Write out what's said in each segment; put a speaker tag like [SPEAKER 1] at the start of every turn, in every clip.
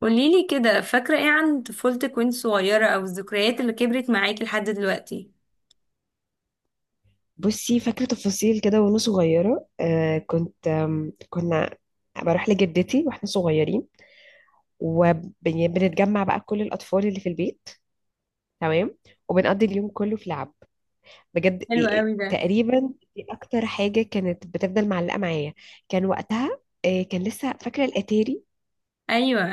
[SPEAKER 1] قوليلي كده فاكرة ايه عن طفولتك وانت صغيرة او الذكريات اللي كبرت معاكي لحد دلوقتي؟
[SPEAKER 2] بصي فاكرة تفاصيل كده وأنا صغيرة، كنت آم، كنا بروح لجدتي واحنا صغيرين، وبنتجمع بقى كل الأطفال اللي في البيت. تمام. وبنقضي اليوم كله في لعب بجد. إيه-
[SPEAKER 1] حلو
[SPEAKER 2] إيه،
[SPEAKER 1] قوي ده.
[SPEAKER 2] تقريبا دي أكتر حاجة كانت بتفضل معلقة معايا. كان وقتها، كان لسه فاكرة الأتاري.
[SPEAKER 1] ايوه.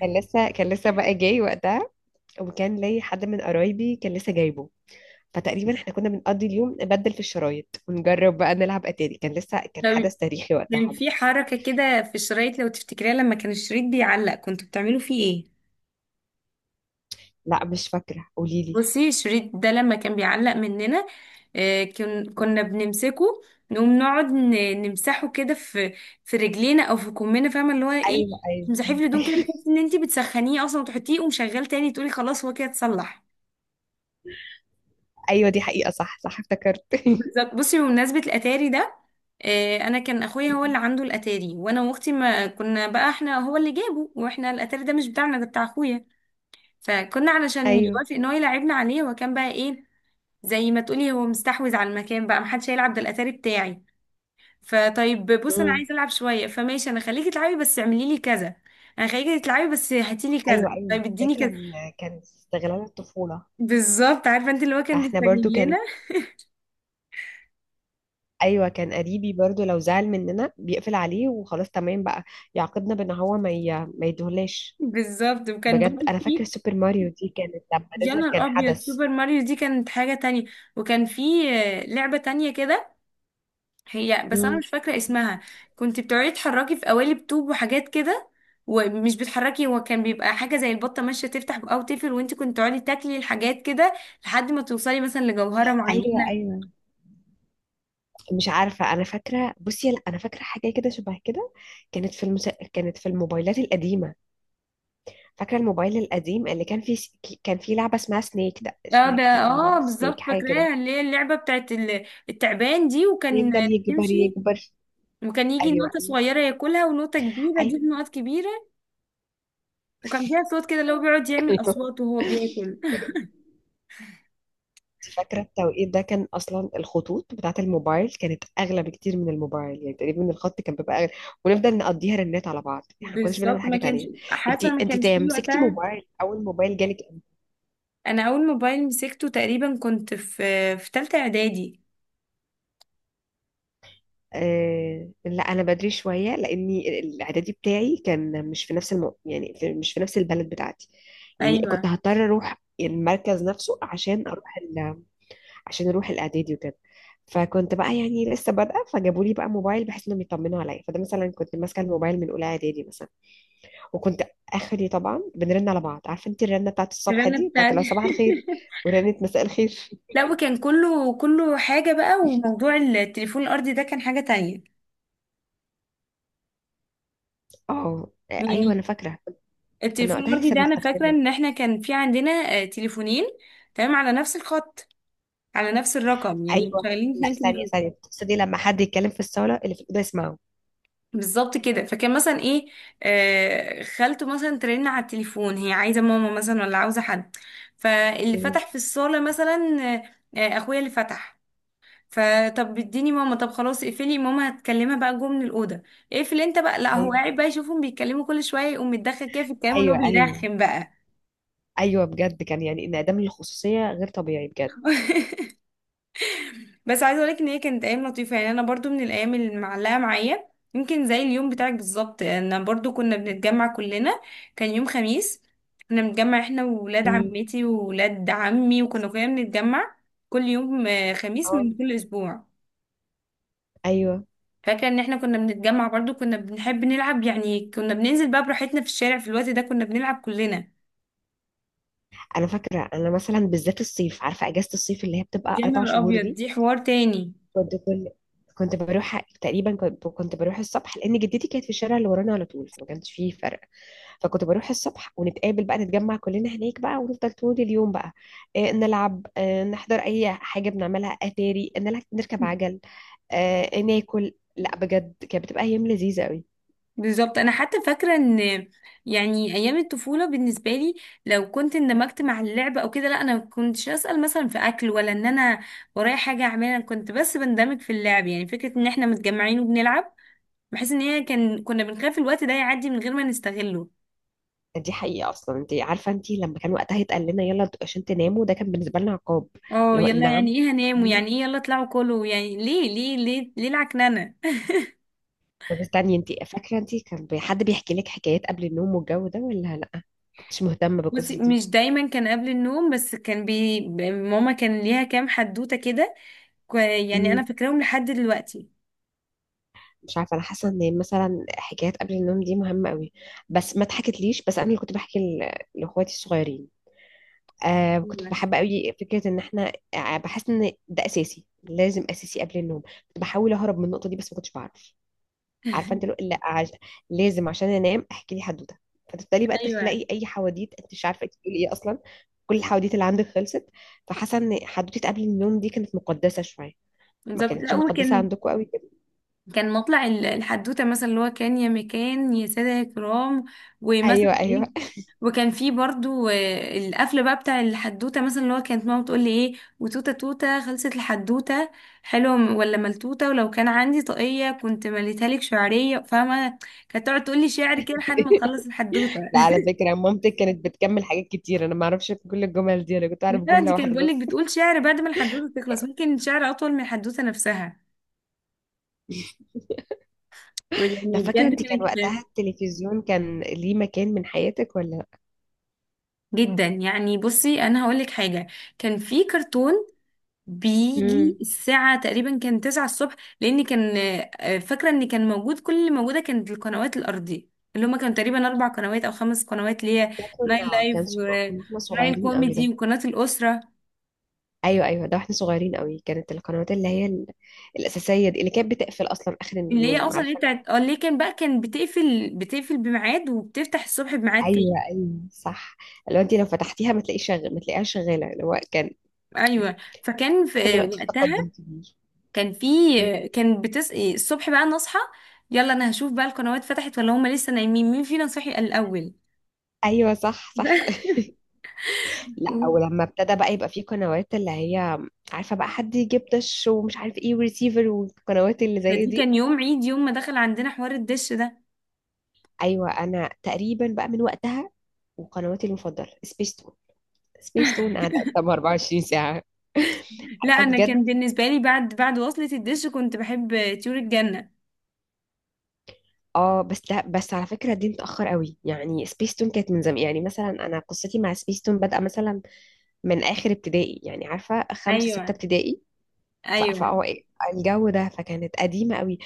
[SPEAKER 2] كان لسه بقى جاي وقتها، وكان لي حد من قرايبي كان لسه جايبه. فتقريبا احنا كنا بنقضي اليوم نبدل في الشرايط ونجرب بقى نلعب اتاري. كان لسه، كان
[SPEAKER 1] طب،
[SPEAKER 2] حدث تاريخي وقتها.
[SPEAKER 1] كان في حركة كده في الشرايط لو تفتكريها، لما كان الشريط بيعلق كنتوا بتعملوا فيه ايه؟
[SPEAKER 2] لا مش فاكرة، قولي لي.
[SPEAKER 1] بصي الشريط ده لما كان بيعلق مننا، كنا بنمسكه، نقوم نقعد نمسحه كده في في رجلينا او في كمنا، فاهمة اللي هو ايه؟
[SPEAKER 2] ايوه ايوه
[SPEAKER 1] تمسحيه في
[SPEAKER 2] ايوه
[SPEAKER 1] الهدوم كده،
[SPEAKER 2] ايوه.
[SPEAKER 1] تحسي ان انت بتسخنيه اصلا، وتحطيه ومشغل تاني، تقولي خلاص هو كده اتصلح.
[SPEAKER 2] أيوة دي حقيقة، صح صح، افتكرت
[SPEAKER 1] بالظبط. بصي بمناسبة الأتاري ده، أنا كان أخويا هو اللي عنده الأتاري، وأنا وأختي ما كنا بقى، إحنا هو اللي جابه، وإحنا الأتاري ده مش بتاعنا، ده بتاع أخويا. فكنا علشان
[SPEAKER 2] ايوه.
[SPEAKER 1] يوافق إن هو يلعبنا عليه، وكان بقى إيه، زي ما تقولي هو مستحوذ على المكان بقى، محدش هيلعب، ده الأتاري بتاعي. فطيب بص أنا
[SPEAKER 2] امم.
[SPEAKER 1] عايزة ألعب شوية، فماشي أنا خليكي تلعبي بس اعملي لي كذا. أنا خليكي تلعبي بس هاتي لي كذا،
[SPEAKER 2] ايوه ايوه
[SPEAKER 1] طيب
[SPEAKER 2] ده
[SPEAKER 1] اديني كذا.
[SPEAKER 2] كان، كان استغلال الطفولة.
[SPEAKER 1] بالظبط، عارفة أنت اللي هو كان
[SPEAKER 2] احنا برضو
[SPEAKER 1] بيستغلنا.
[SPEAKER 2] كان، ايوه كان قريبي برضو لو زعل مننا بيقفل عليه وخلاص. تمام بقى، يعاقبنا بان هو ما يدهلاش.
[SPEAKER 1] بالظبط. وكان
[SPEAKER 2] بجد
[SPEAKER 1] برضه
[SPEAKER 2] انا
[SPEAKER 1] في،
[SPEAKER 2] فاكرة سوبر ماريو دي، كانت لما
[SPEAKER 1] يا
[SPEAKER 2] نزلت كان
[SPEAKER 1] نهار ابيض
[SPEAKER 2] حدث.
[SPEAKER 1] سوبر ماريو دي كانت حاجة تانية. وكان في لعبة تانية كده، هي بس انا
[SPEAKER 2] امم.
[SPEAKER 1] مش فاكرة اسمها. كنت بتقعدي تحركي في قوالب طوب وحاجات كده، ومش بتحركي، هو كان بيبقى حاجة زي البطة ماشية تفتح او تقفل، وانت كنت تقعدي تاكلي الحاجات كده لحد ما توصلي مثلا لجوهرة
[SPEAKER 2] ايوه
[SPEAKER 1] معينة.
[SPEAKER 2] ايوه. مش عارفه انا فاكره، بصي لا انا فاكره حاجه كده شبه كده. كانت في الموبايلات القديمه. فاكرة الموبايل القديم اللي كان فيه، كان فيه لعبة اسمها
[SPEAKER 1] اه ده،
[SPEAKER 2] سنيك،
[SPEAKER 1] اه
[SPEAKER 2] تقريبا سنيك
[SPEAKER 1] بالظبط
[SPEAKER 2] حاجة كده.
[SPEAKER 1] فاكراها، اللي هي اللعبة بتاعت التعبان دي، وكان
[SPEAKER 2] يفضل يكبر
[SPEAKER 1] يمشي،
[SPEAKER 2] يكبر.
[SPEAKER 1] وكان يجي نقطة
[SPEAKER 2] ايوه
[SPEAKER 1] صغيرة ياكلها، ونقطة كبيرة، دي
[SPEAKER 2] ايوه.
[SPEAKER 1] نقط كبيرة. وكان فيها صوت كده اللي هو بيقعد يعمل
[SPEAKER 2] ايوه
[SPEAKER 1] أصوات وهو بياكل.
[SPEAKER 2] انت فاكرة التوقيت ده، كان اصلا الخطوط بتاعة الموبايل كانت اغلى بكتير من الموبايل، يعني تقريبا الخط كان بيبقى اغلى، ونفضل نقضيها رنات على بعض، احنا ما كناش بنعمل
[SPEAKER 1] بالظبط.
[SPEAKER 2] حاجة
[SPEAKER 1] ما كانش
[SPEAKER 2] تانية.
[SPEAKER 1] حاسه، ما كانش فيه
[SPEAKER 2] مسكتي
[SPEAKER 1] وقتها.
[SPEAKER 2] موبايل، اول موبايل جالك؟
[SPEAKER 1] انا اول موبايل مسكته تقريبا كنت في ثالثه اعدادي.
[SPEAKER 2] لا انا بدري شويه، لاني الاعدادي بتاعي كان مش في نفس الم... يعني في- مش في نفس البلد بتاعتي، يعني كنت
[SPEAKER 1] ايوه
[SPEAKER 2] هضطر اروح المركز نفسه عشان اروح الاعدادي وكده. فكنت بقى يعني لسه بادئه، فجابوا لي بقى موبايل بحيث انهم يطمنوا عليا، فده مثلا كنت ماسكه الموبايل من اولى اعدادي مثلا. وكنت اخري طبعا بنرن على بعض. عارفه انت الرنه بتاعت الصبح
[SPEAKER 1] الرنه
[SPEAKER 2] دي، بتاعت اللي
[SPEAKER 1] بتاعتي.
[SPEAKER 2] هو صباح الخير ورنه مساء الخير
[SPEAKER 1] لا، وكان كله كله حاجه بقى، وموضوع التليفون الارضي ده كان حاجه تانية،
[SPEAKER 2] اه. ايوه
[SPEAKER 1] يعني.
[SPEAKER 2] انا فاكره. كنا
[SPEAKER 1] التليفون
[SPEAKER 2] وقتها
[SPEAKER 1] الارضي
[SPEAKER 2] لسه
[SPEAKER 1] ده انا فاكره
[SPEAKER 2] بنستخدمها.
[SPEAKER 1] ان احنا كان في عندنا تليفونين. تمام، على نفس الخط، على نفس الرقم، يعني
[SPEAKER 2] ايوه،
[SPEAKER 1] شغالين
[SPEAKER 2] لا
[SPEAKER 1] اتنين
[SPEAKER 2] ثانيه
[SPEAKER 1] تليفون.
[SPEAKER 2] ثانيه، بتقصدي لما حد يتكلم في الصاله اللي في الاوضه يسمعه؟
[SPEAKER 1] بالظبط كده. فكان مثلا ايه، خالته مثلا ترن على التليفون، هي عايزه ماما مثلا ولا عاوزه حد، فاللي
[SPEAKER 2] مم.
[SPEAKER 1] فتح في الصاله مثلا، اخويا اللي فتح. فطب اديني ماما، طب خلاص اقفلي، ماما هتكلمها بقى جوه من الاوضه، اقفل انت بقى. لا هو
[SPEAKER 2] ايوه
[SPEAKER 1] قاعد بقى يشوفهم بيتكلموا، كل شويه يقوم متدخل كده في الكلام، اللي هو
[SPEAKER 2] ايوه ايوه
[SPEAKER 1] بيرخم بقى.
[SPEAKER 2] ايوه بجد، كان يعني انعدام الخصوصيه غير طبيعي بجد.
[SPEAKER 1] بس عايزه اقولك ان هي كانت ايام لطيفه، يعني انا برضو من الايام اللي معلقه معايا. يمكن زي اليوم بتاعك بالظبط، انا برضو كنا بنتجمع كلنا، كان يوم خميس، كنا بنتجمع احنا وولاد
[SPEAKER 2] مم.
[SPEAKER 1] عمتي وولاد عمي، وكنا كلنا بنتجمع كل يوم خميس
[SPEAKER 2] اه.
[SPEAKER 1] من كل اسبوع.
[SPEAKER 2] ايوه
[SPEAKER 1] فاكره ان احنا كنا بنتجمع، برضو كنا بنحب نلعب يعني، كنا بننزل بقى براحتنا في الشارع في الوقت ده، كنا بنلعب كلنا.
[SPEAKER 2] انا فاكره. انا مثلا بالذات الصيف، عارفه اجازه الصيف اللي هي بتبقى
[SPEAKER 1] يا
[SPEAKER 2] اربع
[SPEAKER 1] نهار
[SPEAKER 2] شهور
[SPEAKER 1] ابيض
[SPEAKER 2] دي؟
[SPEAKER 1] دي حوار تاني.
[SPEAKER 2] كنت كل كنت بروح تقريبا، كنت بروح الصبح، لان جدتي كانت في الشارع اللي ورانا على طول، فما كانش فيه فرق. فكنت بروح الصبح، ونتقابل بقى، نتجمع كلنا هناك بقى، ونفضل طول اليوم بقى، نلعب، نحضر اي حاجه، بنعملها اتاري، نلعب، نركب عجل، ناكل. لا بجد كانت بتبقى ايام لذيذه قوي.
[SPEAKER 1] بالظبط، انا حتى فاكره ان، يعني ايام الطفوله بالنسبه لي، لو كنت اندمجت مع اللعب او كده، لا انا ما كنتش اسال مثلا في اكل، ولا ان انا ورايا حاجه اعملها. أنا كنت بس بندمج في اللعب، يعني فكره ان احنا متجمعين وبنلعب، بحيث ان هي كان كنا بنخاف الوقت ده يعدي من غير ما نستغله.
[SPEAKER 2] دي حقيقه. اصلا انت عارفه انت لما كان وقتها يتقال لنا يلا عشان تناموا، ده كان بالنسبه لنا عقاب.
[SPEAKER 1] اه،
[SPEAKER 2] اللي هو
[SPEAKER 1] يلا
[SPEAKER 2] نعم.
[SPEAKER 1] يعني ايه هنام، ويعني
[SPEAKER 2] ليه؟
[SPEAKER 1] ايه يلا اطلعوا كلوا، يعني ليه ليه ليه ليه، العكننه.
[SPEAKER 2] طب استني، انت فاكره انت كان حد بيحكي لك حكايات قبل النوم والجو ده، ولا لا كنتش مهتمه
[SPEAKER 1] بصي
[SPEAKER 2] بالقصص؟
[SPEAKER 1] مش دايما كان قبل النوم، بس كان بي ماما كان ليها كام حدوته كده، يعني انا
[SPEAKER 2] دي،
[SPEAKER 1] فاكراهم لحد دلوقتي.
[SPEAKER 2] مش عارفه انا حاسه ان مثلا حكايات قبل النوم دي مهمه قوي، بس ما اتحكتليش، بس انا اللي كنت بحكي لاخواتي الصغيرين. كنت بحب قوي فكره ان احنا، بحس ان ده اساسي، لازم اساسي قبل النوم. كنت بحاول اهرب من النقطه دي بس ما كنتش بعرف. عارفه انت، لو لا عش... لازم عشان انام احكي لي حدوته. فتبتدي بقى
[SPEAKER 1] ايوه
[SPEAKER 2] تخلقي اي حواديت، انت مش عارفه انت بتقولي ايه اصلا. كل الحواديت اللي عندك خلصت. فحاسه ان حدوته قبل النوم دي كانت مقدسه شويه. ما
[SPEAKER 1] بالظبط. لا
[SPEAKER 2] كانتش مقدسه
[SPEAKER 1] وكان،
[SPEAKER 2] عندكم قوي كده؟
[SPEAKER 1] كان مطلع الحدوته مثلا اللي هو كان يا مكان يا ساده يا كرام، ومثلا
[SPEAKER 2] ايوه ايوه
[SPEAKER 1] ايه. وكان في برضو القفله بقى بتاع الحدوته، مثلا اللي هو كانت ماما بتقول لي ايه، وتوته توته خلصت الحدوته، حلوه ولا ملتوته، ولو كان عندي طاقيه كنت مليتها لك شعريه، فاهمه. كانت تقعد تقول لي شعر كده لحد ما تخلص الحدوته.
[SPEAKER 2] لا على فكرة مامتك كانت بتكمل حاجات كتير، أنا ما أعرفش كل الجمل دي، أنا كنت أعرف
[SPEAKER 1] لا
[SPEAKER 2] جملة
[SPEAKER 1] دي كانت
[SPEAKER 2] واحدة
[SPEAKER 1] بقول لك،
[SPEAKER 2] بس
[SPEAKER 1] بتقول شعر بعد ما الحدوته تخلص، ممكن شعر اطول من الحدوته نفسها
[SPEAKER 2] طب
[SPEAKER 1] يعني،
[SPEAKER 2] فاكرة
[SPEAKER 1] بجد.
[SPEAKER 2] أنت كان وقتها
[SPEAKER 1] كانت
[SPEAKER 2] التلفزيون كان ليه مكان من حياتك ولا لأ؟
[SPEAKER 1] جدا. يعني بصي انا هقولك حاجه، كان في كرتون
[SPEAKER 2] امم.
[SPEAKER 1] بيجي الساعه تقريبا كان 9 الصبح، لان كان فاكره ان كان موجود، كل اللي موجوده كانت القنوات الارضيه، اللي هما كانوا تقريبا اربع قنوات او خمس قنوات، اللي هي
[SPEAKER 2] ده
[SPEAKER 1] ناين لايف
[SPEAKER 2] كنا احنا
[SPEAKER 1] وناين
[SPEAKER 2] صغيرين قوي
[SPEAKER 1] كوميدي
[SPEAKER 2] ده.
[SPEAKER 1] وقناه الاسره،
[SPEAKER 2] أيوه أيوه، ده واحنا صغيرين قوي، كانت القنوات اللي هي الأساسية دي اللي كانت بتقفل أصلا آخر
[SPEAKER 1] اللي هي
[SPEAKER 2] اليوم،
[SPEAKER 1] اصلا، اللي هي
[SPEAKER 2] عارفة؟
[SPEAKER 1] بتاعت اللي كان بقى، كان بتقفل بميعاد وبتفتح الصبح بميعاد تاني.
[SPEAKER 2] أيوه أيوه صح. لو أنت لو فتحتيها ما تلاقيش شغ... ما تلاقيهاش شغالة، اللي هو كان.
[SPEAKER 1] ايوه. فكان
[SPEAKER 2] أعتقد
[SPEAKER 1] في
[SPEAKER 2] دلوقتي في
[SPEAKER 1] وقتها،
[SPEAKER 2] تقدم كبير.
[SPEAKER 1] كان في
[SPEAKER 2] مم.
[SPEAKER 1] كان الصبح بقى نصحى، يلا انا هشوف بقى القنوات فتحت ولا هم لسه نايمين، مين فينا صحي الاول.
[SPEAKER 2] أيوه صح صح لا ولما ابتدى بقى يبقى فيه قنوات اللي هي، عارفة بقى، حد يجيب دش ومش عارف ايه وريسيفر والقنوات اللي
[SPEAKER 1] ده
[SPEAKER 2] زي
[SPEAKER 1] دي
[SPEAKER 2] دي.
[SPEAKER 1] كان يوم عيد، يوم ما دخل عندنا حوار الدش ده.
[SPEAKER 2] ايوه انا تقريبا بقى من وقتها. وقنواتي المفضلة سبيس تون. سبيس تون قاعدة قدام 24 ساعة،
[SPEAKER 1] لا
[SPEAKER 2] عارفة
[SPEAKER 1] انا كان
[SPEAKER 2] بجد.
[SPEAKER 1] بالنسبه لي بعد وصلة الدش كنت بحب طيور الجنه.
[SPEAKER 2] اه بس ده، بس على فكرة دي متأخر قوي، يعني سبيس تون كانت من زمان، يعني مثلا انا قصتي مع سبيس تون بادئة مثلا من اخر ابتدائي، يعني عارفة خمسة ستة
[SPEAKER 1] ايوه
[SPEAKER 2] ابتدائي.
[SPEAKER 1] ايوه.
[SPEAKER 2] فهو الجو ده، فكانت قديمة قوي.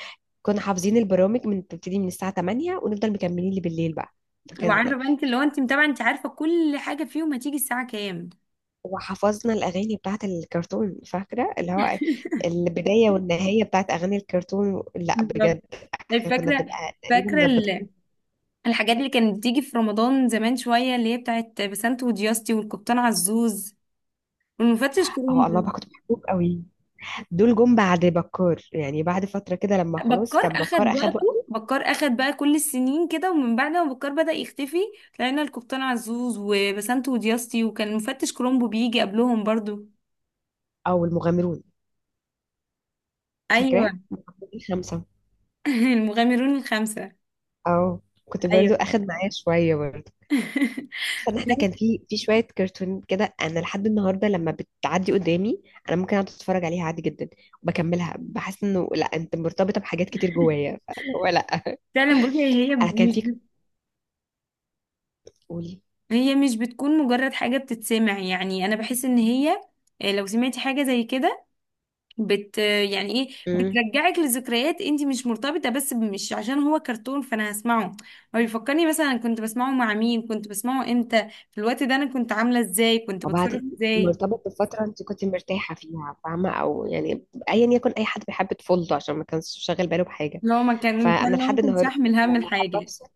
[SPEAKER 2] كنا حافظين البرامج من بتبتدي من الساعة 8 ونفضل مكملين لبالليل بقى. فكان.
[SPEAKER 1] وعارفه بقى انت، اللي هو انت متابعه، انت عارفه كل حاجه فيهم هتيجي الساعه كام.
[SPEAKER 2] وحفظنا الأغاني بتاعت الكرتون، فاكرة اللي هو البداية والنهاية بتاعت أغاني الكرتون، لا بجد.
[SPEAKER 1] بالظبط. طيب
[SPEAKER 2] احنا كنا
[SPEAKER 1] فاكره،
[SPEAKER 2] بنبقى تقريبا
[SPEAKER 1] فاكره
[SPEAKER 2] مظبطين.
[SPEAKER 1] الحاجات اللي كانت بتيجي في رمضان زمان شويه، اللي هي بتاعت بسنت ودياستي والقبطان عزوز، المفتش
[SPEAKER 2] اهو الله،
[SPEAKER 1] كولومبو.
[SPEAKER 2] بقى كنت بحبهم قوي. دول جم بعد بكار، يعني بعد فترة كده، لما خلاص
[SPEAKER 1] بكار
[SPEAKER 2] كان
[SPEAKER 1] اخد
[SPEAKER 2] بكار أخد
[SPEAKER 1] وقته،
[SPEAKER 2] وقته.
[SPEAKER 1] بكار اخد بقى كل السنين كده، ومن بعد ما بكار بدأ يختفي لقينا القبطان عزوز وبسنت ودياستي، وكان المفتش كولومبو بيجي قبلهم برضو.
[SPEAKER 2] أو المغامرون،
[SPEAKER 1] ايوه.
[SPEAKER 2] فاكراه؟ المغامرون خمسة.
[SPEAKER 1] المغامرون الخمسة.
[SPEAKER 2] أو كنت
[SPEAKER 1] ايوه.
[SPEAKER 2] برضو أخد معايا شوية برضو. بس ان احنا كان في شويه كرتون كده، انا لحد النهارده لما بتعدي قدامي انا ممكن اقعد اتفرج عليها عادي جدا وبكملها، بحس انه لا انت مرتبطه بحاجات كتير جوايا، فهو لا.
[SPEAKER 1] فعلا بصي
[SPEAKER 2] انا كان في قولي.
[SPEAKER 1] هي مش بتكون مجرد حاجة بتتسمع، يعني انا بحس ان هي لو سمعتي حاجة زي كده، يعني ايه،
[SPEAKER 2] امم.
[SPEAKER 1] بترجعك لذكريات، انت مش مرتبطه بس مش عشان هو كرتون فانا هسمعه، هو بيفكرني مثلا أنا كنت بسمعه مع مين، كنت بسمعه امتى، في الوقت ده انا كنت عامله ازاي، كنت بتصرف
[SPEAKER 2] وبعدين
[SPEAKER 1] ازاي
[SPEAKER 2] مرتبط بفتره انت كنت مرتاحه فيها، فاهمه، او يعني ايا يكن، اي حد بيحب طفولته عشان ما كانش شاغل باله بحاجه. فانا
[SPEAKER 1] لو
[SPEAKER 2] لحد
[SPEAKER 1] ما كنتش
[SPEAKER 2] النهارده
[SPEAKER 1] احمل هم
[SPEAKER 2] لما حابه
[SPEAKER 1] الحاجه.
[SPEAKER 2] افصل،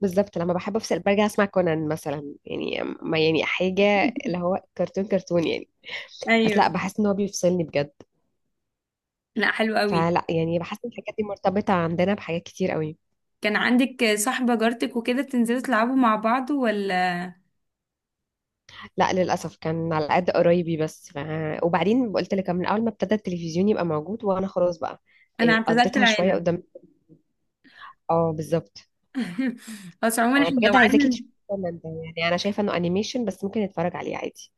[SPEAKER 2] بالظبط لما بحب افصل برجع اسمع كونان مثلا، يعني ما يعني حاجه، اللي هو كرتون كرتون يعني، بس لا
[SPEAKER 1] ايوه
[SPEAKER 2] بحس ان هو بيفصلني بجد.
[SPEAKER 1] لا حلو قوي.
[SPEAKER 2] فلا، يعني بحس ان الحاجات دي مرتبطة عندنا بحاجات كتير قوي.
[SPEAKER 1] كان عندك صاحبه جارتك وكده بتنزلوا تلعبوا مع بعض ولا؟
[SPEAKER 2] لا للأسف كان على قد قرايبي وبعدين قلت لك من أول ما ابتدى التلفزيون يبقى موجود وأنا خلاص بقى
[SPEAKER 1] انا
[SPEAKER 2] إيه،
[SPEAKER 1] اعتزلت
[SPEAKER 2] قضيتها شوية
[SPEAKER 1] العالم.
[SPEAKER 2] قدام. اه بالظبط.
[SPEAKER 1] بس عموما
[SPEAKER 2] أنا
[SPEAKER 1] احنا لو
[SPEAKER 2] بجد عايزاكي
[SPEAKER 1] قعدنا،
[SPEAKER 2] تشوفي كونان ده، يعني أنا شايفة إنه أنيميشن بس ممكن نتفرج عليه عادي.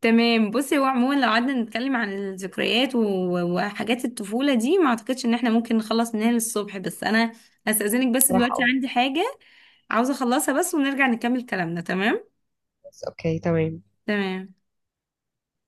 [SPEAKER 1] تمام. بصي هو عموما لو قعدنا نتكلم عن الذكريات وحاجات الطفولة دي، ما اعتقدش ان احنا ممكن نخلص منها للصبح. بس انا هستأذنك بس
[SPEAKER 2] صراحة
[SPEAKER 1] دلوقتي
[SPEAKER 2] اه.
[SPEAKER 1] عندي حاجة عاوزة اخلصها بس، ونرجع نكمل كلامنا. تمام.
[SPEAKER 2] بس أوكي تمام.
[SPEAKER 1] تمام.